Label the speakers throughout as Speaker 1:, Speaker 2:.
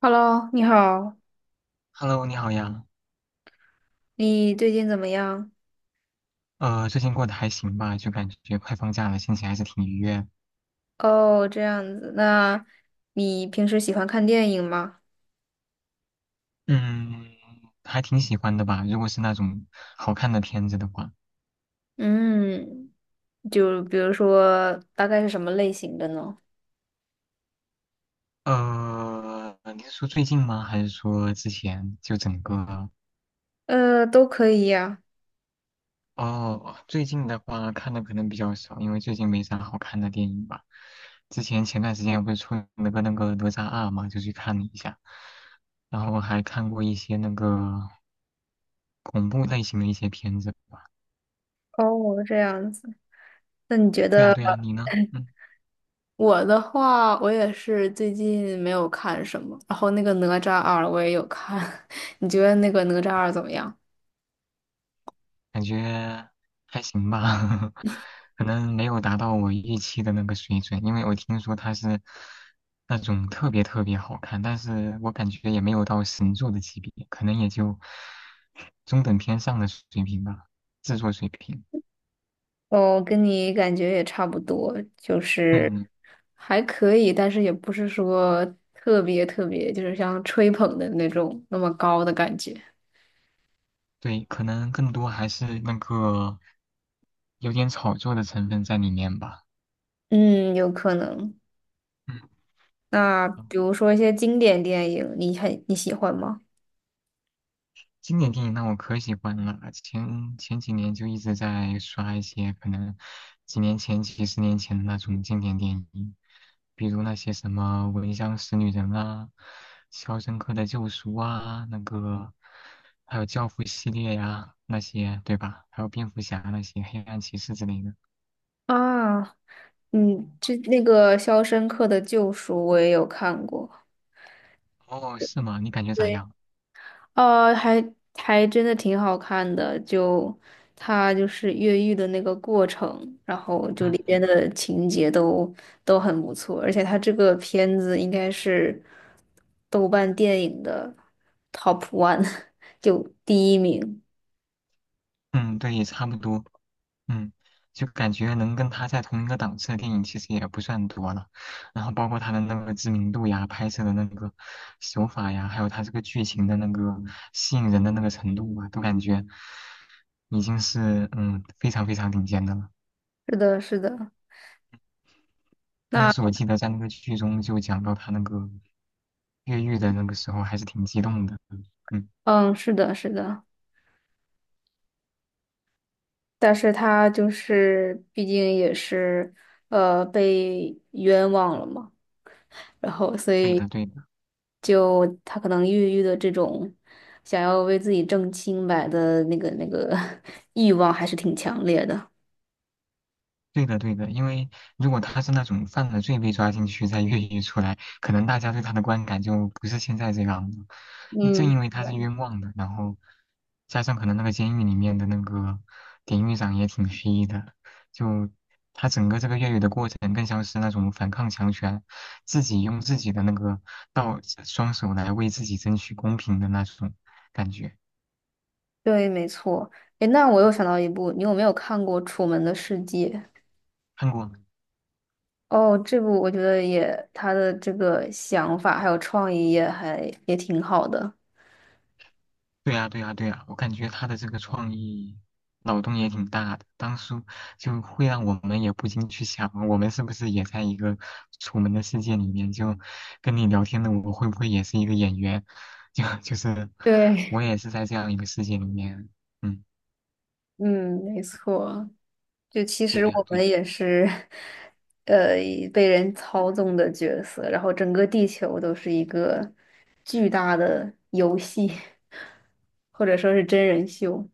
Speaker 1: Hello，你好，
Speaker 2: Hello，你好呀。
Speaker 1: 你最近怎么样？
Speaker 2: 最近过得还行吧，就感觉快放假了，心情还是挺愉悦。
Speaker 1: 哦，这样子，那你平时喜欢看电影吗？
Speaker 2: 嗯，还挺喜欢的吧。如果是那种好看的片子的话，
Speaker 1: 嗯，就比如说，大概是什么类型的呢？
Speaker 2: 你是说最近吗？还是说之前就整个？
Speaker 1: 都可以呀。
Speaker 2: 哦，最近的话看的可能比较少，因为最近没啥好看的电影吧。之前前段时间不是出了个那个哪吒二嘛，就去看了一下，然后还看过一些那个恐怖类型的一些片子。
Speaker 1: 哦，这样子，那你觉
Speaker 2: 对呀，
Speaker 1: 得
Speaker 2: 对呀，你呢？嗯。
Speaker 1: 我的话，我也是最近没有看什么，然后那个《哪吒二》我也有看，你觉得那个《哪吒二》怎么样？
Speaker 2: 感觉还行吧，可能没有达到我预期的那个水准，因为我听说它是那种特别特别好看，但是我感觉也没有到神作的级别，可能也就中等偏上的水平吧，制作水平。
Speaker 1: 哦，跟你感觉也差不多，就是
Speaker 2: 嗯，
Speaker 1: 还可以，但是也不是说特别特别，就是像吹捧的那种那么高的感觉。
Speaker 2: 对，可能更多还是那个有点炒作的成分在里面吧。
Speaker 1: 嗯，有可能。
Speaker 2: 嗯。
Speaker 1: 那比如说一些经典电影，你喜欢吗？
Speaker 2: 经典电影那我可喜欢了，前几年就一直在刷一些可能几年前、几十年前的那种经典电影，比如那些什么《闻香识女人》啊，《肖申克的救赎》啊，那个还有《教父》系列呀、那些对吧？还有蝙蝠侠那些、黑暗骑士之类的。
Speaker 1: 啊，嗯，这那个《肖申克的救赎》我也有看过。
Speaker 2: 哦，是吗？你感觉咋
Speaker 1: 对。
Speaker 2: 样？
Speaker 1: 呃，还还真的挺好看的，就他就是越狱的那个过程，然后就里边
Speaker 2: 嗯
Speaker 1: 的情节都很不错，而且他这个片子应该是豆瓣电影的 top one,就第一名。
Speaker 2: 嗯，对，差不多。嗯，就感觉能跟他在同一个档次的电影其实也不算多了，然后包括他的那个知名度呀、拍摄的那个手法呀，还有他这个剧情的那个吸引人的那个程度啊，都感觉已经是非常非常顶尖的了。
Speaker 1: 是的，是的，
Speaker 2: 当
Speaker 1: 那
Speaker 2: 时我记得在那个剧中就讲到他那个越狱的那个时候，还是挺激动的。嗯，
Speaker 1: 嗯，是的，是的，但是他就是毕竟也是被冤枉了嘛。然后所
Speaker 2: 对
Speaker 1: 以
Speaker 2: 的对的。
Speaker 1: 就他可能抑郁的这种想要为自己挣清白的那个 欲望还是挺强烈的。
Speaker 2: 对的，对的，因为如果他是那种犯了罪被抓进去再越狱出来，可能大家对他的观感就不是现在这样了。你正
Speaker 1: 嗯，
Speaker 2: 因为他是冤枉的，然后加上可能那个监狱里面的那个典狱长也挺黑的，就他整个这个越狱的过程更像是那种反抗强权，自己用自己的那个道双手来为自己争取公平的那种感觉。
Speaker 1: 对，没错。诶，那我又想到一部，你有没有看过《楚门的世界》？
Speaker 2: 看过吗？
Speaker 1: 哦，这部我觉得也他的这个想法还有创意也还也挺好的。
Speaker 2: 对呀，对呀，对呀，我感觉他的这个创意脑洞也挺大的，当初就会让我们也不禁去想，我们是不是也在一个楚门的世界里面？就跟你聊天的我会不会也是一个演员？就是
Speaker 1: 对，
Speaker 2: 我也是在这样一个世界里面。嗯，
Speaker 1: 嗯，没错。就其
Speaker 2: 对
Speaker 1: 实
Speaker 2: 呀，
Speaker 1: 我
Speaker 2: 对
Speaker 1: 们
Speaker 2: 呀，
Speaker 1: 也是，呃，被人操纵的角色，然后整个地球都是一个巨大的游戏，或者说是真人秀。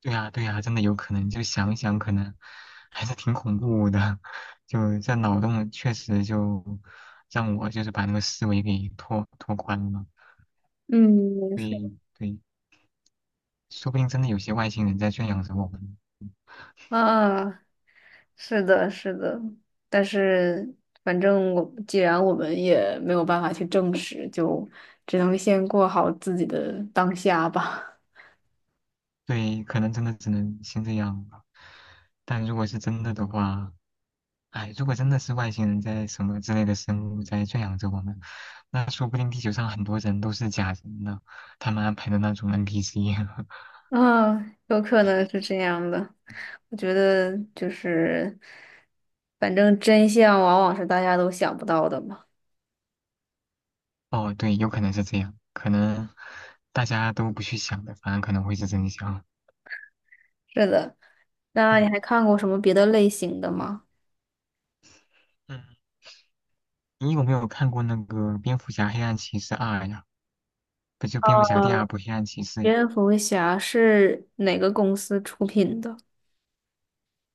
Speaker 2: 对呀，对呀，真的有可能。就想一想，可能还是挺恐怖的。就这脑洞确实就让我就是把那个思维给拓宽了。
Speaker 1: 嗯，没错。
Speaker 2: 对对。说不定真的有些外星人在圈养着我们。
Speaker 1: 啊，是的，是的，但是反正我既然我们也没有办法去证实，就只能先过好自己的当下吧。
Speaker 2: 对，可能真的只能先这样吧。但如果是真的的话，哎，如果真的是外星人在什么之类的生物在圈养着我们，那说不定地球上很多人都是假人呢，他们安排的那种 NPC。
Speaker 1: 啊，有可能是这样的。我觉得就是，反正真相往往是大家都想不到的嘛。
Speaker 2: 哦，对，有可能是这样，可能大家都不去想的，反而可能会是真相。
Speaker 1: 是的，那你
Speaker 2: 嗯
Speaker 1: 还看过什么别的类型的吗？
Speaker 2: 嗯，你有没有看过那个《蝙蝠侠：黑暗骑士二》呀？不就蝙蝠侠第二
Speaker 1: 呃，
Speaker 2: 部《黑暗骑士》呀？
Speaker 1: 蝙蝠侠是哪个公司出品的？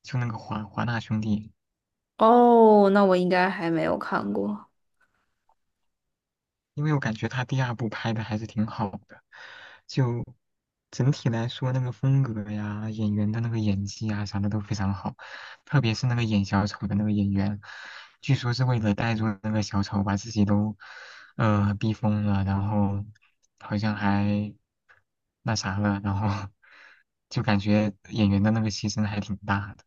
Speaker 2: 就那个华纳兄弟，
Speaker 1: 哦，那我应该还没有看过。
Speaker 2: 因为我感觉他第二部拍的还是挺好的，就整体来说那个风格呀、演员的那个演技啊啥的都非常好，特别是那个演小丑的那个演员，据说是为了带入那个小丑把自己都逼疯了，然后好像还那啥了，然后就感觉演员的那个牺牲还挺大的，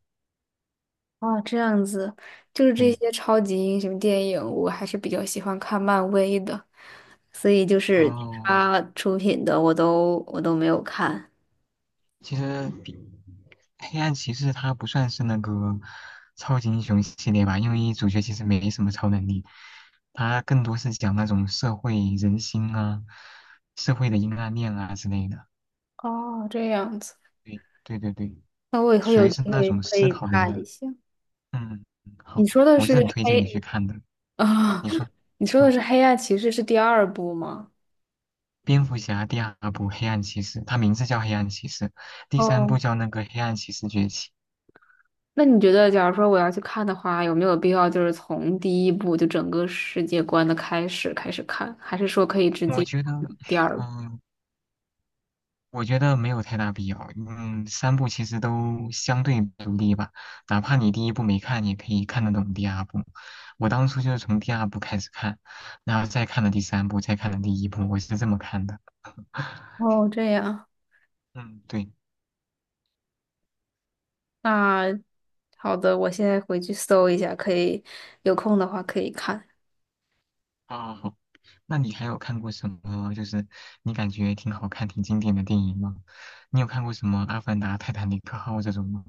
Speaker 1: 哦，这样子，就是这
Speaker 2: 对。
Speaker 1: 些超级英雄电影，我还是比较喜欢看漫威的，所以就是
Speaker 2: 哦，
Speaker 1: 他出品的我都没有看。
Speaker 2: 其实比黑暗骑士它不算是那个超级英雄系列吧，因为主角其实没什么超能力，它更多是讲那种社会人心啊、社会的阴暗面啊之类的。
Speaker 1: 哦，这样子，
Speaker 2: 对对对对，
Speaker 1: 那我以后
Speaker 2: 属
Speaker 1: 有
Speaker 2: 于
Speaker 1: 嗯
Speaker 2: 是
Speaker 1: 机
Speaker 2: 那
Speaker 1: 会
Speaker 2: 种
Speaker 1: 可
Speaker 2: 思
Speaker 1: 以
Speaker 2: 考类
Speaker 1: 看
Speaker 2: 的。
Speaker 1: 一下。
Speaker 2: 嗯，好，
Speaker 1: 你说的
Speaker 2: 我
Speaker 1: 是
Speaker 2: 是很推荐你
Speaker 1: 黑
Speaker 2: 去看的。
Speaker 1: 啊？
Speaker 2: 你说，
Speaker 1: 你说的
Speaker 2: 嗯，
Speaker 1: 是《黑暗骑士》是第二部吗？
Speaker 2: 蝙蝠侠第二部《黑暗骑士》，它名字叫《黑暗骑士》，第三
Speaker 1: 哦，
Speaker 2: 部叫那个《黑暗骑士崛起》。
Speaker 1: 那你觉得，假如说我要去看的话，有没有必要就是从第一部就整个世界观的开始看，还是说可以直
Speaker 2: 我
Speaker 1: 接
Speaker 2: 觉得，
Speaker 1: 第二部？
Speaker 2: 嗯，我觉得没有太大必要。嗯，三部其实都相对独立吧，哪怕你第一部没看，也可以看得懂第二部。我当初就是从第二部开始看，然后再看了第三部，再看了第一部，我是这么看的。
Speaker 1: 哦，这样，
Speaker 2: 嗯，对。
Speaker 1: 那好的，我现在回去搜一下，可以有空的话可以看。
Speaker 2: 啊，好。那你还有看过什么？就是你感觉挺好看、挺经典的电影吗？你有看过什么《阿凡达》《泰坦尼克号》这种吗？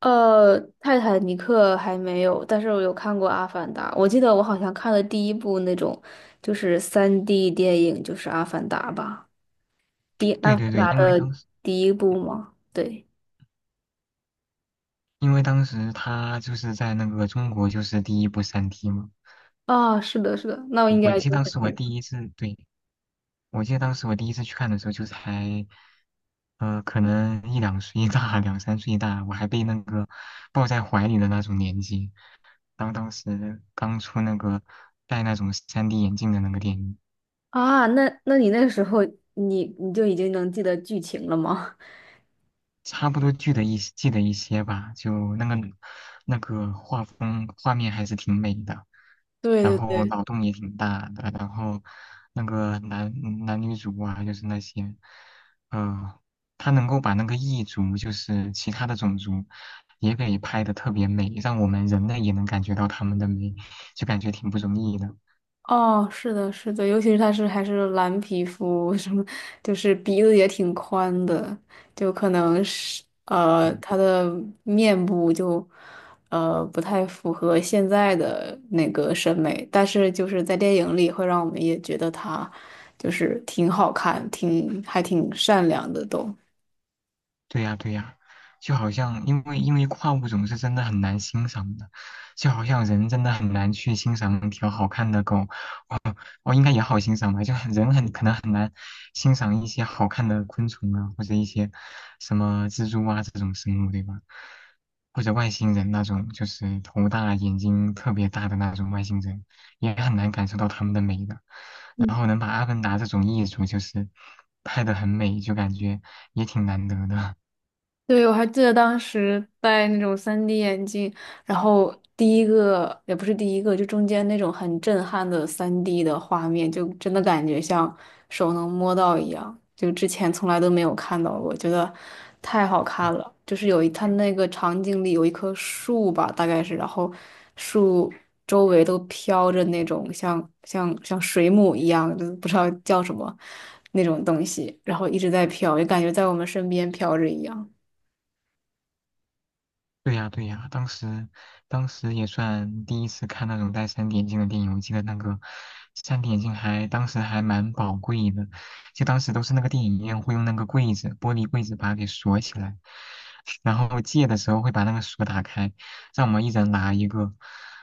Speaker 1: 泰坦尼克还没有，但是我有看过《阿凡达》。我记得我好像看了第一部那种就是三 d 电影，就是《阿凡达》吧？第《阿
Speaker 2: 对
Speaker 1: 凡
Speaker 2: 对对，
Speaker 1: 达》
Speaker 2: 因为当
Speaker 1: 的
Speaker 2: 时
Speaker 1: 第一部吗？对，
Speaker 2: 因为当时他就是在那个中国就是第一部三 d 嘛，
Speaker 1: 啊，是的，是的，那我应
Speaker 2: 对我
Speaker 1: 该
Speaker 2: 记得
Speaker 1: 就
Speaker 2: 当
Speaker 1: 是
Speaker 2: 时
Speaker 1: 这
Speaker 2: 我
Speaker 1: 个
Speaker 2: 第一次，对，我记得当时我第一次去看的时候，就才，呃，可能一两岁大，两三岁大，我还被那个抱在怀里的那种年纪，当时刚出那个戴那种 3D 眼镜的那个电影，
Speaker 1: 啊。那你那个时候你就已经能记得剧情了吗？
Speaker 2: 差不多记得一些吧，就那个那个画风画面还是挺美的，
Speaker 1: 对
Speaker 2: 然
Speaker 1: 对
Speaker 2: 后
Speaker 1: 对，
Speaker 2: 脑洞也挺大的，然后那个男女主啊，就是那些，呃，他能够把那个异族，就是其他的种族，也给拍的特别美，让我们人类也能感觉到他们的美，就感觉挺不容易的。
Speaker 1: 哦，是的，是的，尤其是他是还是蓝皮肤，什么就是鼻子也挺宽的，就可能是他的面部就不太符合现在的那个审美，但是就是在电影里会让我们也觉得他就是挺好看，挺还挺善良的都。
Speaker 2: 对呀，对呀，就好像因为跨物种是真的很难欣赏的，就好像人真的很难去欣赏一条好看的狗，哦，应该也好欣赏吧，就很人很可能很难欣赏一些好看的昆虫啊，或者一些什么蜘蛛啊这种生物，对吧？或者外星人那种，就是头大眼睛特别大的那种外星人，也很难感受到他们的美的。然后能把《阿凡达》这种艺术就是拍的很美，就感觉也挺难得的。
Speaker 1: 对，我还记得当时戴那种 3D 眼镜，然后第一个也不是第一个，就中间那种很震撼的 3D 的画面，就真的感觉像手能摸到一样，就之前从来都没有看到过，觉得太好看了。就是有一，它那个场景里有一棵树吧，大概是，然后树周围都飘着那种像水母一样，就是不知道叫什么那种东西，然后一直在飘，就感觉在我们身边飘着一样。
Speaker 2: 对呀，对呀，当时，当时也算第一次看那种带三 d 眼镜的电影。我记得那个三 d 眼镜还当时还蛮宝贵的，就当时都是那个电影院会用那个柜子，玻璃柜子把它给锁起来，然后借的时候会把那个锁打开，让我们一人拿一个，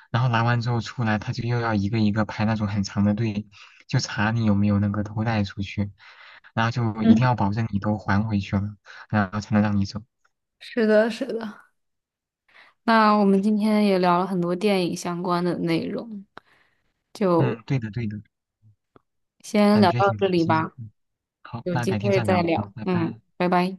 Speaker 2: 然后拿完之后出来，他就又要一个一个排那种很长的队，就查你有没有那个偷带出去，然后就一
Speaker 1: 嗯，
Speaker 2: 定要保证你都还回去了，然后才能让你走。
Speaker 1: 是的，是的。那我们今天也聊了很多电影相关的内容，就
Speaker 2: 嗯，对的，对的。
Speaker 1: 先
Speaker 2: 感
Speaker 1: 聊
Speaker 2: 觉
Speaker 1: 到
Speaker 2: 挺
Speaker 1: 这
Speaker 2: 开
Speaker 1: 里
Speaker 2: 心。
Speaker 1: 吧，
Speaker 2: 嗯，好，
Speaker 1: 有
Speaker 2: 那
Speaker 1: 机
Speaker 2: 改天
Speaker 1: 会
Speaker 2: 再
Speaker 1: 再
Speaker 2: 聊。嗯，
Speaker 1: 聊。
Speaker 2: 拜
Speaker 1: 嗯，
Speaker 2: 拜。
Speaker 1: 拜拜。